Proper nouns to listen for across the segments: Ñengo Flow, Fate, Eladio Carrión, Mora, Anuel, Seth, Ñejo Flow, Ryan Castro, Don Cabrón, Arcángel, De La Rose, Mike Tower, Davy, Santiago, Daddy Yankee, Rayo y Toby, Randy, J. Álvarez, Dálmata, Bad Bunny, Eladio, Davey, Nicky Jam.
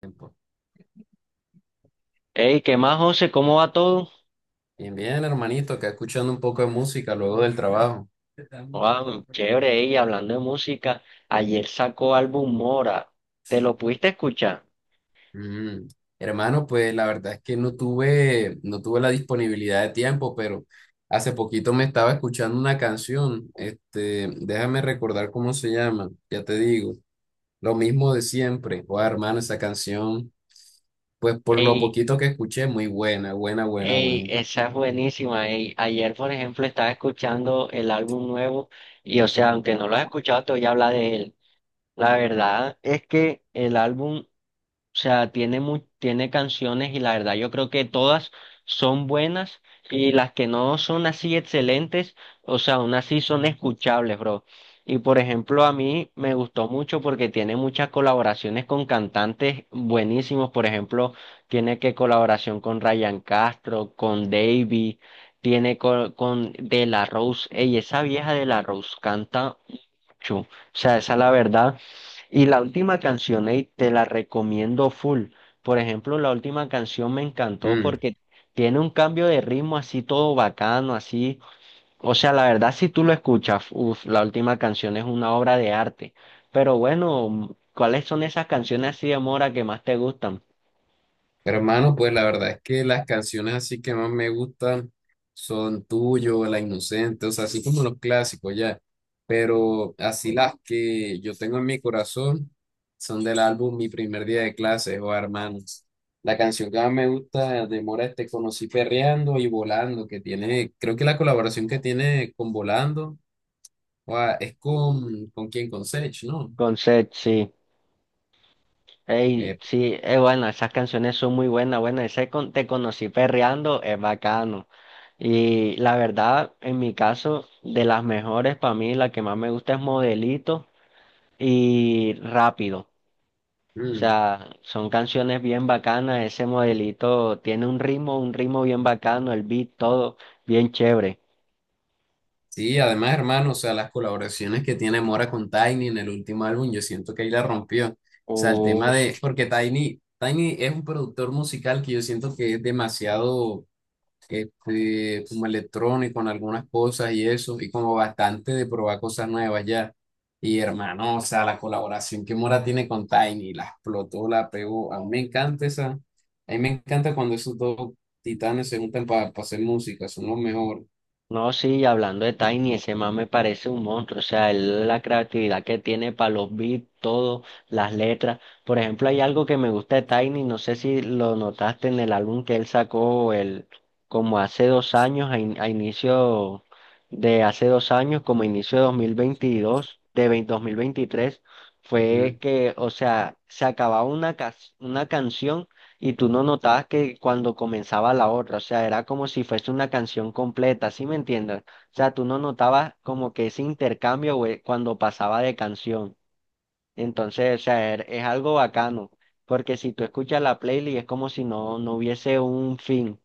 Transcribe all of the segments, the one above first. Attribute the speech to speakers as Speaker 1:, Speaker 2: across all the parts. Speaker 1: Tiempo.
Speaker 2: Hey, ¿qué más, José? ¿Cómo va todo?
Speaker 1: Bien, bien, hermanito, acá escuchando un poco de música luego del trabajo.
Speaker 2: Wow, chévere, ey, hablando de música, ayer sacó álbum Mora. ¿Te lo pudiste escuchar?
Speaker 1: Mm. Hermano, pues la verdad es que no tuve la disponibilidad de tiempo, pero hace poquito me estaba escuchando una canción. Déjame recordar cómo se llama, ya te digo. Lo mismo de siempre. Oh, hermano, esa canción, pues por lo
Speaker 2: Ey,
Speaker 1: poquito que escuché, muy buena, buena, buena,
Speaker 2: ey,
Speaker 1: buena.
Speaker 2: esa es buenísima, ey. Ayer, por ejemplo, estaba escuchando el álbum nuevo y, o sea, aunque no lo has escuchado, te voy a hablar de él. La verdad es que el álbum, o sea, tiene canciones, y la verdad yo creo que todas son buenas, y las que no son así excelentes, o sea, aún así son escuchables, bro. Y por ejemplo, a mí me gustó mucho porque tiene muchas colaboraciones con cantantes buenísimos. Por ejemplo, tiene que colaboración con Ryan Castro, con Davy, con De La Rose. Ey, esa vieja De La Rose canta Chu. O sea, esa es la verdad. Y la última canción, ey, te la recomiendo full. Por ejemplo, la última canción me encantó
Speaker 1: Mm.
Speaker 2: porque tiene un cambio de ritmo así todo bacano, así. O sea, la verdad, si tú lo escuchas, uf, la última canción es una obra de arte. Pero bueno, ¿cuáles son esas canciones así de Mora que más te gustan?
Speaker 1: Hermano, pues la verdad es que las canciones así que más me gustan son Tuyo, La Inocente, o sea, así como los clásicos ya, pero así las que yo tengo en mi corazón son del álbum Mi Primer Día de Clases o hermanos. La canción que más me gusta de Mora Te Conocí Perreando y Volando, que tiene, creo que la colaboración que tiene con Volando, o es ¿con quién? Con Sech, ¿no?
Speaker 2: Con Seth, sí. Ey,
Speaker 1: Eh,
Speaker 2: sí, es bueno, esas canciones son muy buenas, bueno, te conocí perreando, es bacano. Y la verdad, en mi caso, de las mejores para mí, la que más me gusta es Modelito y Rápido. O
Speaker 1: mm,
Speaker 2: sea, son canciones bien bacanas, ese Modelito tiene un ritmo bien bacano, el beat, todo bien chévere.
Speaker 1: sí, además, hermano, o sea, las colaboraciones que tiene Mora con Tiny en el último álbum, yo siento que ahí la rompió. O sea, el tema
Speaker 2: Uf.
Speaker 1: de, porque Tiny, Tiny es un productor musical que yo siento que es demasiado como electrónico en algunas cosas y eso, y como bastante de probar cosas nuevas ya. Y hermano, o sea, la colaboración que Mora tiene con Tiny, la explotó, la pegó. A mí me encanta esa, a mí me encanta cuando esos dos titanes se juntan para hacer música, son los mejores.
Speaker 2: No, sí, y hablando de Tiny, ese man me parece un monstruo, o sea, él, la creatividad que tiene para los beats, todo, las letras. Por ejemplo, hay algo que me gusta de Tiny, no sé si lo notaste en el álbum que él sacó como hace 2 años, a inicio de hace 2 años, como inicio de 2022, de 2023, fue que, o sea, se acababa una canción y tú no notabas que cuando comenzaba la otra, o sea, era como si fuese una canción completa, ¿sí me entiendes? O sea, tú no notabas como que ese intercambio, güey, cuando pasaba de canción. Entonces, o sea, es algo bacano, porque si tú escuchas la playlist es como si no, no hubiese un fin.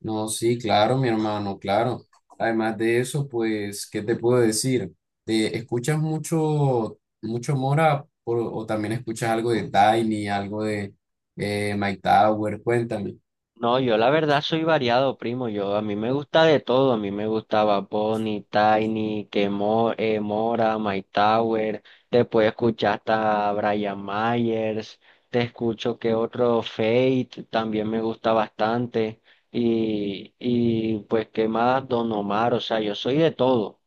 Speaker 1: No, sí, claro, mi hermano, claro. Además de eso, pues, ¿qué te puedo decir? ¿Te escuchas mucho, mucho Mora por- o también escuchas algo de Tiny, algo de Mike Tower? Cuéntame.
Speaker 2: No, yo la verdad soy variado, primo. Yo a mí me gusta de todo. A mí me gustaba Bonnie, Tiny, que Mora, My Tower. Después escuchar hasta Brian Myers. Te escucho que otro Fate también me gusta bastante. Y pues qué más, Don Omar. O sea, yo soy de todo.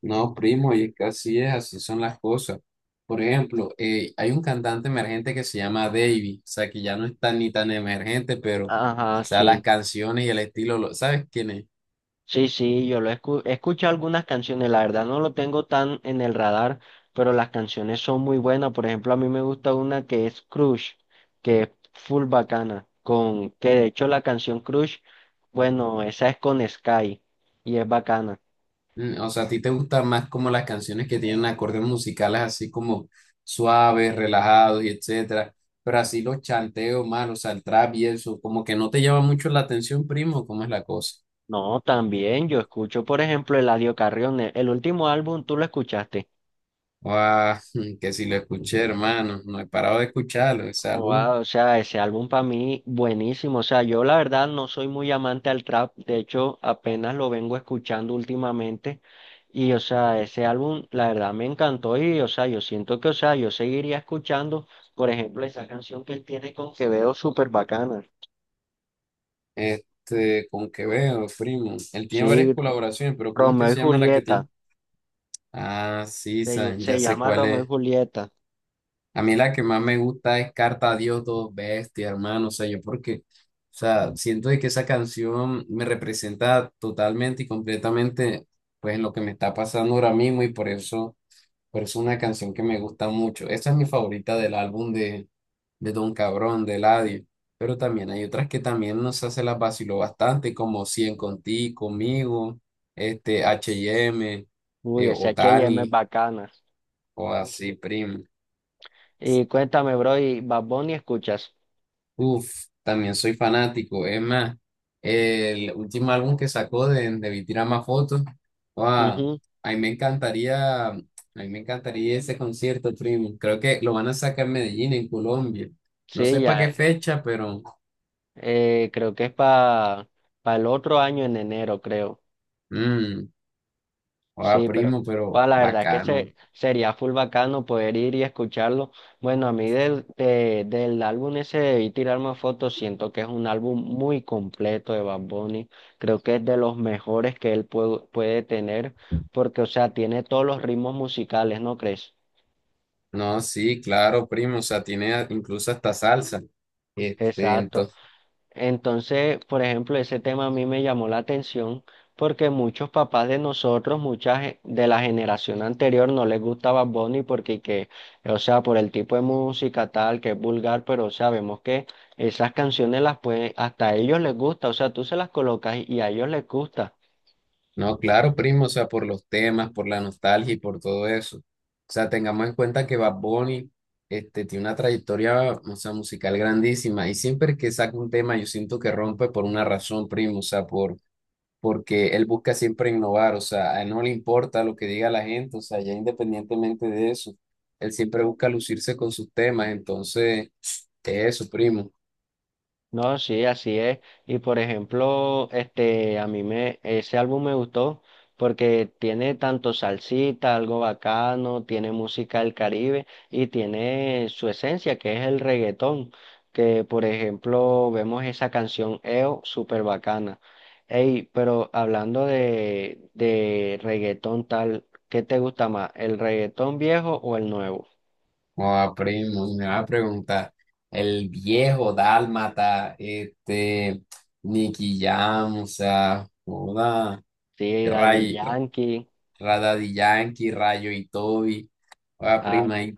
Speaker 1: No, primo, y es que así es, así son las cosas. Por ejemplo, hay un cantante emergente que se llama Davey, o sea, que ya no es tan ni tan emergente, pero, o
Speaker 2: Ajá,
Speaker 1: sea, las
Speaker 2: sí.
Speaker 1: canciones y el estilo, ¿sabes quién es?
Speaker 2: Sí, sí, he escuchado algunas canciones, la verdad no lo tengo tan en el radar, pero las canciones son muy buenas. Por ejemplo, a mí me gusta una que es Crush, que es full bacana, con que de hecho la canción Crush, bueno, esa es con Sky y es bacana.
Speaker 1: Mm, o sea, ¿a ti te gustan más como las canciones que tienen acordes musicales así como suaves, relajados y etcétera? Pero así los chanteos más, o sea, el trap y eso, como que no te llama mucho la atención, primo, ¿cómo es la cosa?
Speaker 2: No, también yo escucho, por ejemplo, Eladio Carrión, el último álbum, ¿tú lo escuchaste?
Speaker 1: Ah, que si lo escuché, hermano, no he parado de escucharlo, ese
Speaker 2: Oh,
Speaker 1: álbum,
Speaker 2: wow, o sea, ese álbum para mí buenísimo. O sea, yo la verdad no soy muy amante al trap. De hecho, apenas lo vengo escuchando últimamente. Y, o sea, ese álbum, la verdad me encantó. Y, o sea, yo siento que, o sea, yo seguiría escuchando, por ejemplo, esa canción que él tiene con Quevedo, súper bacana.
Speaker 1: con qué veo, primo. Él tiene varias
Speaker 2: Sí,
Speaker 1: colaboraciones, pero ¿cómo es que
Speaker 2: Romeo y
Speaker 1: se llama la que
Speaker 2: Julieta.
Speaker 1: tiene? Ah, sí,
Speaker 2: Se,
Speaker 1: San, ya
Speaker 2: se
Speaker 1: sé
Speaker 2: llama
Speaker 1: cuál
Speaker 2: Romeo y
Speaker 1: es.
Speaker 2: Julieta.
Speaker 1: A mí la que más me gusta es Carta a Dios, dos bestia, hermano. O sea, yo porque, o sea, siento de que esa canción me representa totalmente y completamente, pues, lo que me está pasando ahora mismo y por eso es una canción que me gusta mucho. Esa es mi favorita del álbum de Don Cabrón, de Eladio. Pero también hay otras que también nos hace las vaciló bastante, como Cien Contigo, Conmigo, H&M,
Speaker 2: Uy, ese H y M es
Speaker 1: Otani,
Speaker 2: bacana.
Speaker 1: o así, primo.
Speaker 2: Y cuéntame, bro, ¿y Bad Bunny escuchas?
Speaker 1: Uf, también soy fanático. Es más, el último álbum que sacó de Vi Tira Más Fotos, wow,
Speaker 2: Ujú.
Speaker 1: a mí me encantaría, a mí me encantaría ese concierto, primo. Creo que lo van a sacar en Medellín, en Colombia. No
Speaker 2: Sí,
Speaker 1: sé para
Speaker 2: ya.
Speaker 1: qué fecha, pero,
Speaker 2: Creo que es para el otro año en enero, creo.
Speaker 1: mmm, guau,
Speaker 2: Sí,
Speaker 1: primo,
Speaker 2: pero
Speaker 1: pero
Speaker 2: bueno, la verdad que
Speaker 1: bacano.
Speaker 2: sería full bacano poder ir y escucharlo. Bueno, a mí del álbum ese y tirar más fotos, siento que es un álbum muy completo de Bad Bunny. Creo que es de los mejores que él puede tener, porque, o sea, tiene todos los ritmos musicales, ¿no crees?
Speaker 1: No, sí, claro, primo, o sea, tiene incluso hasta salsa. Este,
Speaker 2: Exacto. Entonces, por ejemplo, ese tema a mí me llamó la atención porque muchos papás de nosotros, de la generación anterior no les gustaba Bad Bunny porque, o sea, por el tipo de música tal, que es vulgar, pero sabemos que esas canciones las pueden, hasta a ellos les gusta, o sea, tú se las colocas y a ellos les gusta.
Speaker 1: No, claro, primo, o sea, por los temas, por la nostalgia y por todo eso. O sea, tengamos en cuenta que Bad Bunny, tiene una trayectoria, o sea, musical grandísima y siempre que saca un tema yo siento que rompe por una razón, primo, o sea, por, porque él busca siempre innovar, o sea, a él no le importa lo que diga la gente, o sea, ya independientemente de eso, él siempre busca lucirse con sus temas, entonces, eso, primo.
Speaker 2: No, sí, así es. Y por ejemplo, este, ese álbum me gustó porque tiene tanto salsita, algo bacano, tiene música del Caribe y tiene su esencia, que es el reggaetón. Que por ejemplo, vemos esa canción EO, súper bacana. Ey, pero hablando de reggaetón tal, ¿qué te gusta más? ¿El reggaetón viejo o el nuevo?
Speaker 1: Joda, primo, me va a preguntar, el viejo dálmata, Nicky Jam, o sea, joda,
Speaker 2: Sí, Daddy
Speaker 1: Ray,
Speaker 2: Yankee.
Speaker 1: Daddy Yankee, Rayo y Toby, joda, prima,
Speaker 2: Ah.
Speaker 1: hay,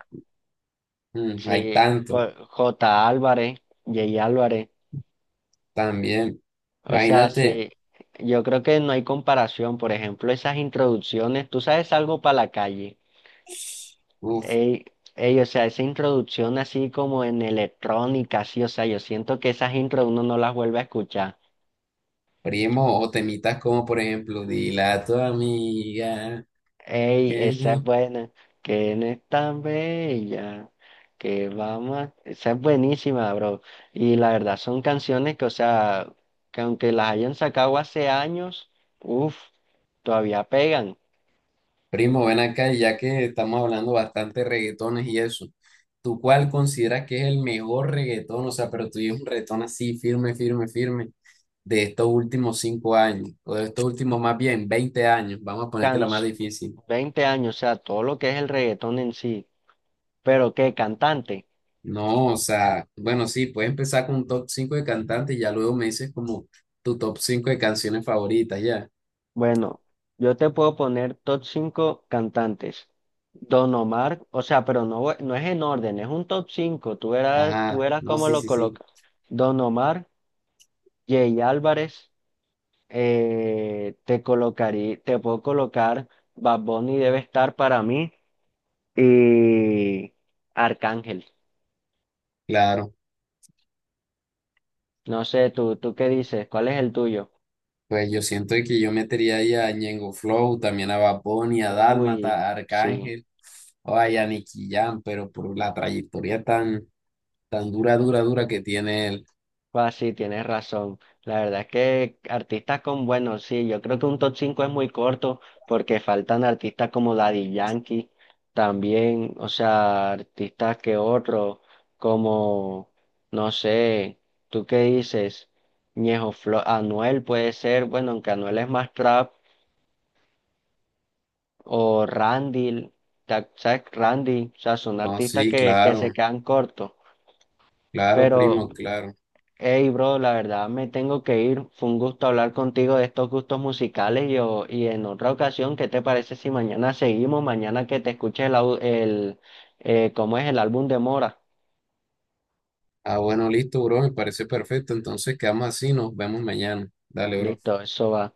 Speaker 1: mm, hay
Speaker 2: Sí,
Speaker 1: tanto,
Speaker 2: pues, J. Álvarez, J. Álvarez.
Speaker 1: también,
Speaker 2: O sea,
Speaker 1: imagínate,
Speaker 2: sí, yo creo que no hay comparación. Por ejemplo, esas introducciones, tú sabes, algo para la calle.
Speaker 1: uf,
Speaker 2: Ey, ey, o sea, esa introducción así como en electrónica, sí, o sea, yo siento que esas intros uno no las vuelve a escuchar.
Speaker 1: primo, o temitas como, por ejemplo, dile a tu amiga.
Speaker 2: Ey, esa es buena, que no es tan bella, que vamos a... Esa es buenísima, bro. Y la verdad son canciones que, o sea, que aunque las hayan sacado hace años, uff, todavía pegan.
Speaker 1: Primo, ven acá, y ya que estamos hablando bastante de reggaetones y eso, ¿tú cuál consideras que es el mejor reggaetón? O sea, pero tú dices un reggaetón así, firme, firme, firme, de estos últimos 5 años, o de estos últimos más bien 20 años, vamos a ponerte
Speaker 2: Can
Speaker 1: la más difícil.
Speaker 2: 20 años, o sea, todo lo que es el reggaetón en sí. Pero qué cantante.
Speaker 1: No, o sea, bueno, sí, puedes empezar con un top 5 de cantantes y ya luego me dices como tu top 5 de canciones favoritas, ya.
Speaker 2: Bueno, yo te puedo poner top 5 cantantes. Don Omar, o sea, pero no, no es en orden, es un top cinco. Tú
Speaker 1: Ajá,
Speaker 2: verás
Speaker 1: no,
Speaker 2: cómo
Speaker 1: sí,
Speaker 2: lo
Speaker 1: sí, sí,
Speaker 2: colocas. Don Omar, Jay Álvarez, te puedo colocar Bad Bunny, debe estar para mí, y Arcángel.
Speaker 1: claro.
Speaker 2: No sé, tú qué dices, ¿cuál es el tuyo?
Speaker 1: Pues yo siento que yo metería ahí a Ñengo Flow, también a Bad Bunny, a
Speaker 2: Uy,
Speaker 1: Dálmata, a
Speaker 2: sí,
Speaker 1: Arcángel, o a Nicky Jam, pero por la trayectoria tan, tan dura, dura, dura que tiene él.
Speaker 2: pues sí, tienes razón. La verdad es que artistas con buenos, sí, yo creo que un top 5 es muy corto porque faltan artistas como Daddy Yankee, también, o sea, artistas que otros, como, no sé, ¿tú qué dices? Ñejo Flow, Anuel puede ser, bueno, aunque Anuel es más trap, o Randy, ¿sabes? Randy, o sea, son
Speaker 1: No,
Speaker 2: artistas
Speaker 1: sí,
Speaker 2: que se
Speaker 1: claro,
Speaker 2: quedan cortos,
Speaker 1: claro,
Speaker 2: pero...
Speaker 1: primo, claro.
Speaker 2: Hey, bro, la verdad me tengo que ir. Fue un gusto hablar contigo de estos gustos musicales y en otra ocasión, ¿qué te parece si mañana seguimos? Mañana que te escuches el, au- el ¿cómo es el álbum de Mora?
Speaker 1: Ah, bueno, listo, bro, me parece perfecto. Entonces quedamos así, nos vemos mañana. Dale, bro.
Speaker 2: Listo, eso va.